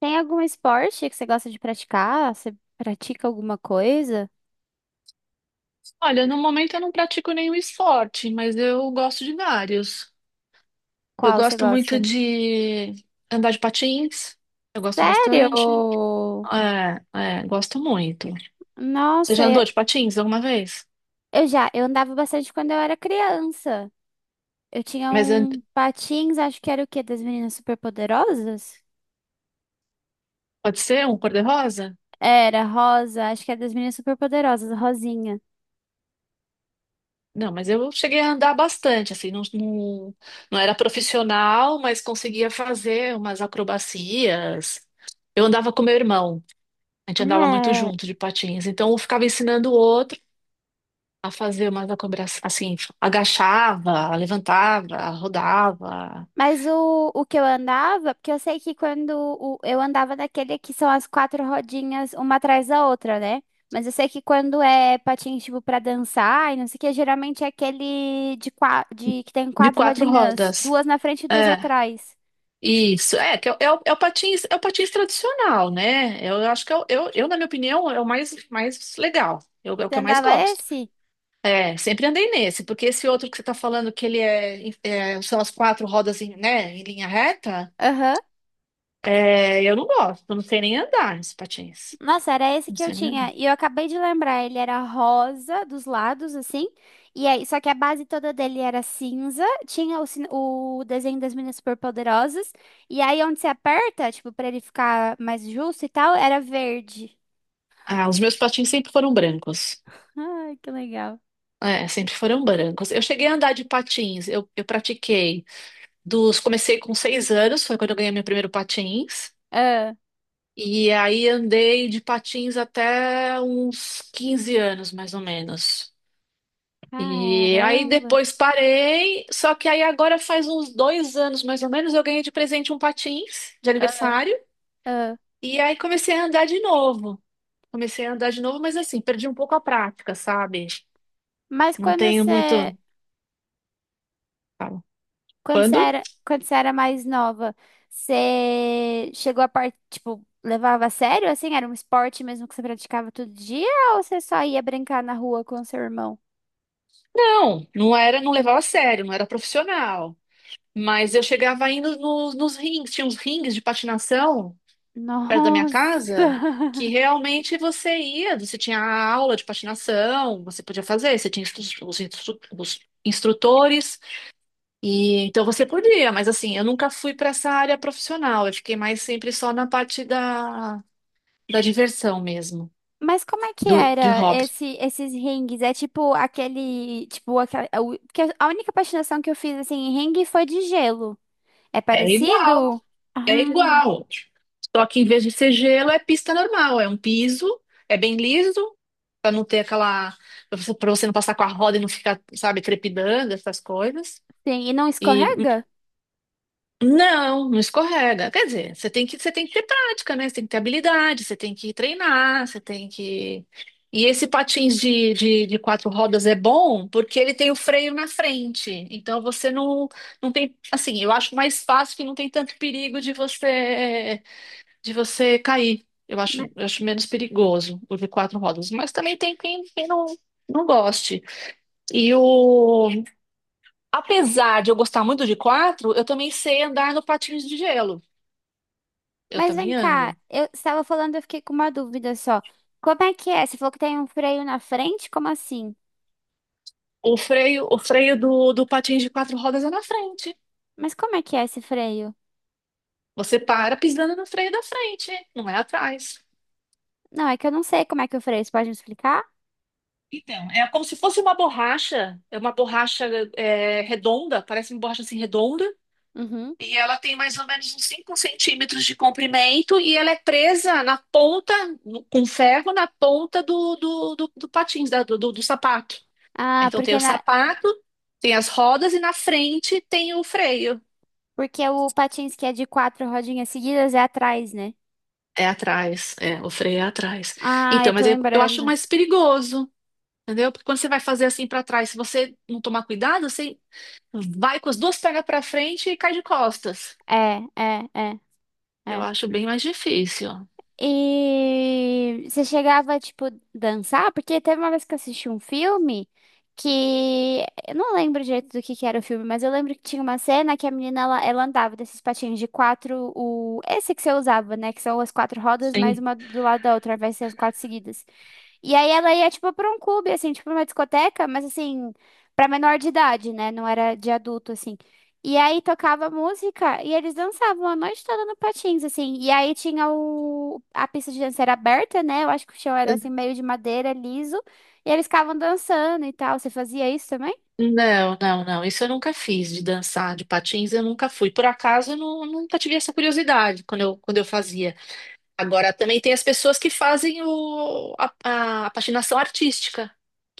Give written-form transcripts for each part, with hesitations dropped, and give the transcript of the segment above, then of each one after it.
Tem algum esporte que você gosta de praticar? Você pratica alguma coisa? Olha, no momento eu não pratico nenhum esporte, mas eu gosto de vários. Eu Qual você gosto muito gosta? de andar de patins, eu gosto Sério? bastante. É, é, gosto muito. Você Nossa, já eu andou de patins alguma vez? eu já, eu andava bastante quando eu era criança. Eu tinha Mas an- um patins, acho que era o quê? Das meninas superpoderosas? Pode ser um cor-de-rosa? Era, rosa, acho que era das meninas superpoderosas, rosinha. Não, mas eu cheguei a andar bastante, assim, não, não, não era profissional, mas conseguia fazer umas acrobacias. Eu andava com meu irmão, a gente andava muito É. junto de patins, então eu ficava ensinando o outro a fazer umas acobrações, assim, agachava, levantava, rodava, Mas o que eu andava, porque eu sei que quando eu andava daquele que são as quatro rodinhas uma atrás da outra, né? Mas eu sei que quando é patins, tipo, pra dançar e não sei o que, geralmente é aquele de, de que tem de quatro quatro rodinhas, rodas. duas na frente e duas É, atrás. isso. É, que é, o, é o é o patins tradicional, né? Eu acho que na minha opinião, é o mais legal. É o Você que eu mais andava gosto. esse? É, sempre andei nesse, porque esse outro que você tá falando que ele são as quatro rodas né, em linha reta, Aham. é, eu não gosto, eu não sei nem andar nesse patins. Nossa, era esse Não que eu sei nem tinha. andar. E eu acabei de lembrar, ele era rosa dos lados, assim. E aí, só que a base toda dele era cinza. Tinha o, o desenho das meninas superpoderosas. E aí, onde você aperta, tipo, pra ele ficar mais justo e tal, era verde. Ah, os meus patins sempre foram brancos. Ai, que legal. É, sempre foram brancos. Eu cheguei a andar de patins, eu pratiquei comecei com 6 anos, foi quando eu ganhei meu primeiro patins, Ah, e aí andei de patins até uns 15 anos, mais ou menos. E aí caramba. depois parei, só que aí agora faz uns 2 anos, mais ou menos, eu ganhei de presente um patins de Ah, aniversário, ah. e aí comecei a andar de novo. Comecei a andar de novo, mas assim, perdi um pouco a prática, sabe? Mas Não quando tenho você. muito. Fala. Quando? Quando você era mais nova, você chegou a parte, tipo, levava a sério, assim? Era um esporte mesmo que você praticava todo dia? Ou você só ia brincar na rua com seu irmão? Não, não era, não levava a sério, não era profissional. Mas eu chegava indo nos rings, tinha uns rings de patinação perto da minha Nossa! casa, que realmente você ia, você tinha a aula de patinação, você podia fazer, você tinha instru- os instrutores, e então você podia, mas assim, eu nunca fui para essa área profissional, eu fiquei mais sempre só na parte da diversão mesmo, Mas como é que de era hobby. esse, esses ringues? É tipo aquele, tipo, aquela, a porque a única patinação que eu fiz, assim, em ringue foi de gelo. É É parecido? igual. É Ah, igual. Só que em vez de ser gelo, é pista normal. É um piso, é bem liso, pra não ter aquela. Pra você não passar com a roda e não ficar, sabe, trepidando, essas coisas. sim. E não E escorrega? não, não escorrega. Quer dizer, você tem que ter prática, né? Você tem que ter habilidade, você tem que treinar, você tem que. E esse patins de quatro rodas é bom porque ele tem o freio na frente. Então você não, não tem. Assim, eu acho mais fácil que não tem tanto perigo de você cair. Eu acho menos perigoso o de quatro rodas, mas também tem quem não, não goste. E o, Apesar de eu gostar muito de quatro, eu também sei andar no patins de gelo. Eu Mas vem também cá, ando. eu estava falando, eu fiquei com uma dúvida só. Como é que é? Você falou que tem um freio na frente? Como assim? O freio do patins de quatro rodas é na frente. Mas como é que é esse freio? Você para pisando no freio da frente, não é atrás. Não, é que eu não sei como é que é o freio. Você pode me explicar? Então, é como se fosse uma borracha, é uma borracha redonda, parece uma borracha assim redonda. Uhum. E ela tem mais ou menos uns 5 centímetros de comprimento e ela é presa na ponta, com ferro, na ponta do patins, do sapato. Ah, Então tem porque o na... sapato, tem as rodas e na frente tem o freio. Porque o patins que é de quatro rodinhas seguidas é atrás, né? É atrás, é, o freio é atrás. Ah, eu Então, tô mas eu acho lembrando. mais perigoso, entendeu? Porque quando você vai fazer assim para trás, se você não tomar cuidado, você vai com as duas pernas para frente e cai de costas. É, é, é, Eu é. acho bem mais difícil. E você chegava, tipo, dançar? Porque teve uma vez que eu assisti um filme que... Eu não lembro direito do que era o filme, mas eu lembro que tinha uma cena que a menina, ela andava desses patinhos de quatro... O... Esse que você usava, né? Que são as quatro rodas, mais Sim. uma do lado da outra, vai ser as quatro seguidas. E aí ela ia, tipo, pra um clube, assim, tipo, uma discoteca, mas, assim, pra menor de idade, né? Não era de adulto, assim. E aí tocava música e eles dançavam a noite toda no patins, assim. E aí tinha o... A pista de dança era aberta, né? Eu acho que o chão era, assim, meio de madeira, liso. E eles ficavam dançando e tal. Você fazia isso também? Não, não, não. Isso eu nunca fiz de dançar de patins, eu nunca fui. Por acaso, eu nunca tive essa curiosidade quando eu fazia. Agora, também tem as pessoas que fazem a patinação artística,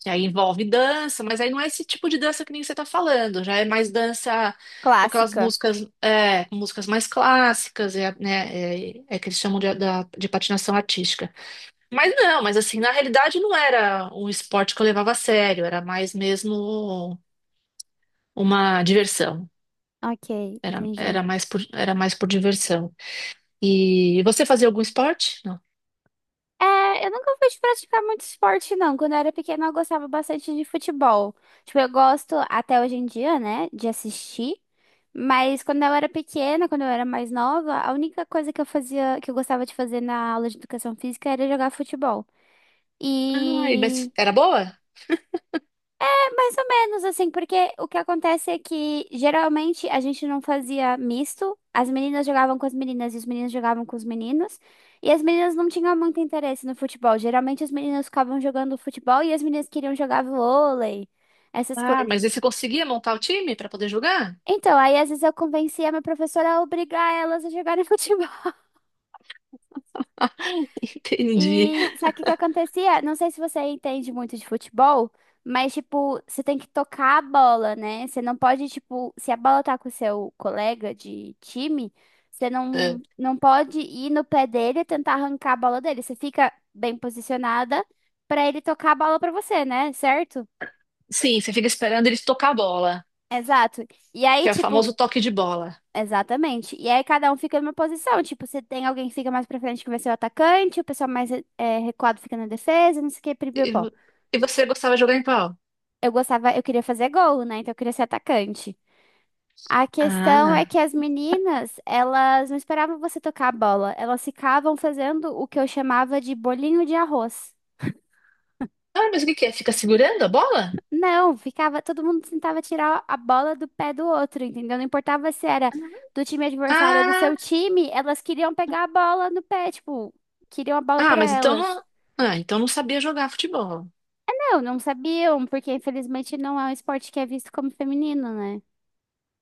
que aí envolve dança, mas aí não é esse tipo de dança que nem você está falando. Já é mais dança com aquelas Clássica. músicas, é, com músicas mais clássicas, é que eles chamam de patinação artística. Mas não, mas assim, na realidade não era um esporte que eu levava a sério, era mais mesmo uma diversão. Ok, Era, entendi. era mais por, era mais por diversão. E você fazia algum esporte? Não. É, eu nunca fui de praticar muito esporte, não. Quando eu era pequena, eu gostava bastante de futebol. Tipo, eu gosto até hoje em dia, né, de assistir. Mas quando eu era pequena, quando eu era mais nova, a única coisa que eu fazia, que eu gostava de fazer na aula de educação física era jogar futebol. Ai, mas E era boa? mais ou menos, assim, porque o que acontece é que geralmente a gente não fazia misto, as meninas jogavam com as meninas e os meninos jogavam com os meninos, e as meninas não tinham muito interesse no futebol. Geralmente as meninas ficavam jogando futebol e as meninas queriam jogar vôlei, essas Ah, mas aí coisas. você conseguia montar o time para poder jogar? Então, aí às vezes eu convencia a minha professora a obrigar elas a jogarem futebol. Entendi. E sabe o que acontecia? Não sei se você entende muito de futebol, mas, tipo, você tem que tocar a bola, né? Você não pode, tipo, se a bola tá com o seu colega de time, você não, É. não pode ir no pé dele e tentar arrancar a bola dele. Você fica bem posicionada pra ele tocar a bola pra você, né? Certo? Sim, você fica esperando eles tocar a bola, Exato. E aí, que é o tipo, famoso toque de bola. exatamente. E aí cada um fica numa posição. Tipo, se tem alguém que fica mais pra frente que vai ser o atacante, o pessoal mais eh, recuado fica na defesa, não sei o que, E, pipipó. vo- e você gostava de jogar em qual? Eu gostava, eu queria fazer gol, né? Então eu queria ser atacante. A Ah, questão não. é que as meninas, elas não esperavam você tocar a bola, elas ficavam fazendo o que eu chamava de bolinho de arroz. Ah, mas o que que é? Fica segurando a bola? Não, ficava, todo mundo tentava tirar a bola do pé do outro, entendeu? Não importava se era do time adversário ou do Ah, seu time, elas queriam pegar a bola no pé, tipo, queriam a bola ah, para mas então elas. não, então não sabia jogar futebol. Não, não sabiam, porque infelizmente não é um esporte que é visto como feminino, né?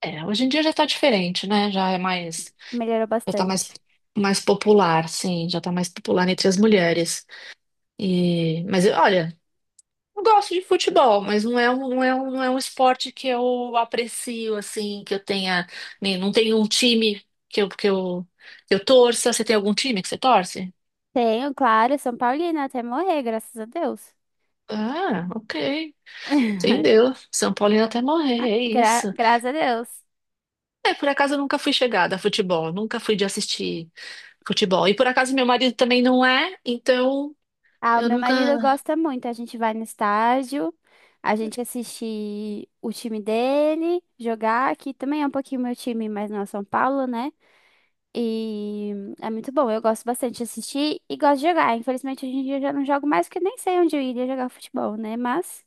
É, hoje em dia já tá diferente, né? Já é mais. Melhorou Já tá mais, bastante. mais popular, sim, já tá mais popular entre as mulheres. Olha, eu gosto de futebol, mas não é um, não é um, não é um esporte que eu aprecio, assim, que eu tenha. Não tenho um time que eu torça. Você tem algum time que você torce? Tenho, claro, São Paulina até morrer, graças a Deus. Ah, ok. Entendeu? São Paulino até morrer, é Gra- isso. graças a Deus. É, por acaso eu nunca fui chegada a futebol, nunca fui de assistir futebol. E por acaso meu marido também não é, então Ah, o eu meu nunca. marido gosta muito. A gente vai no estádio, a gente assiste o time dele jogar, que também é um pouquinho meu time, mas não é São Paulo, né? E é muito bom. Eu gosto bastante de assistir e gosto de jogar. Infelizmente, hoje em dia eu já não jogo mais porque nem sei onde eu iria jogar futebol, né? Mas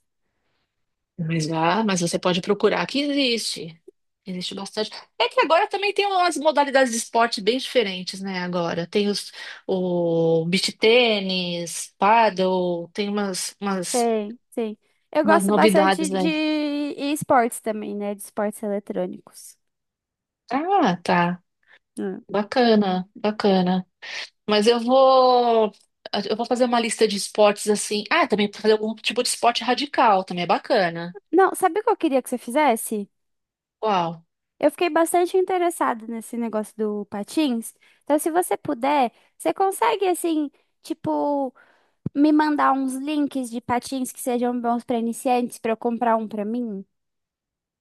Mas você pode procurar que existe. Existe bastante. É que agora também tem umas modalidades de esporte bem diferentes, né? Agora tem o beach tênis, paddle, tem umas, umas, tem, sim. Eu umas gosto novidades, bastante de né? e esportes também, né? De esportes eletrônicos. Ah, tá. Ah. Bacana, bacana. Mas eu vou fazer uma lista de esportes assim. Ah, também fazer algum tipo de esporte radical, também é bacana. Não, sabe o que eu queria que você fizesse? Uau. Eu fiquei bastante interessada nesse negócio do patins. Então, se você puder, você consegue, assim, tipo, me mandar uns links de patins que sejam bons para iniciantes para eu comprar um para mim?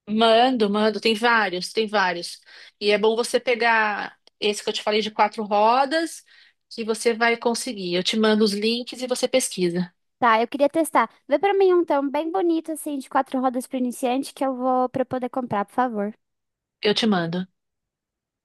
Mando, mando, tem vários, tem vários. E é bom você pegar esse que eu te falei de quatro rodas, que você vai conseguir. Eu te mando os links e você pesquisa. Tá, eu queria testar. Vê para mim um tão bem bonito, assim, de quatro rodas para iniciante que eu vou para poder comprar, por favor. Eu te mando.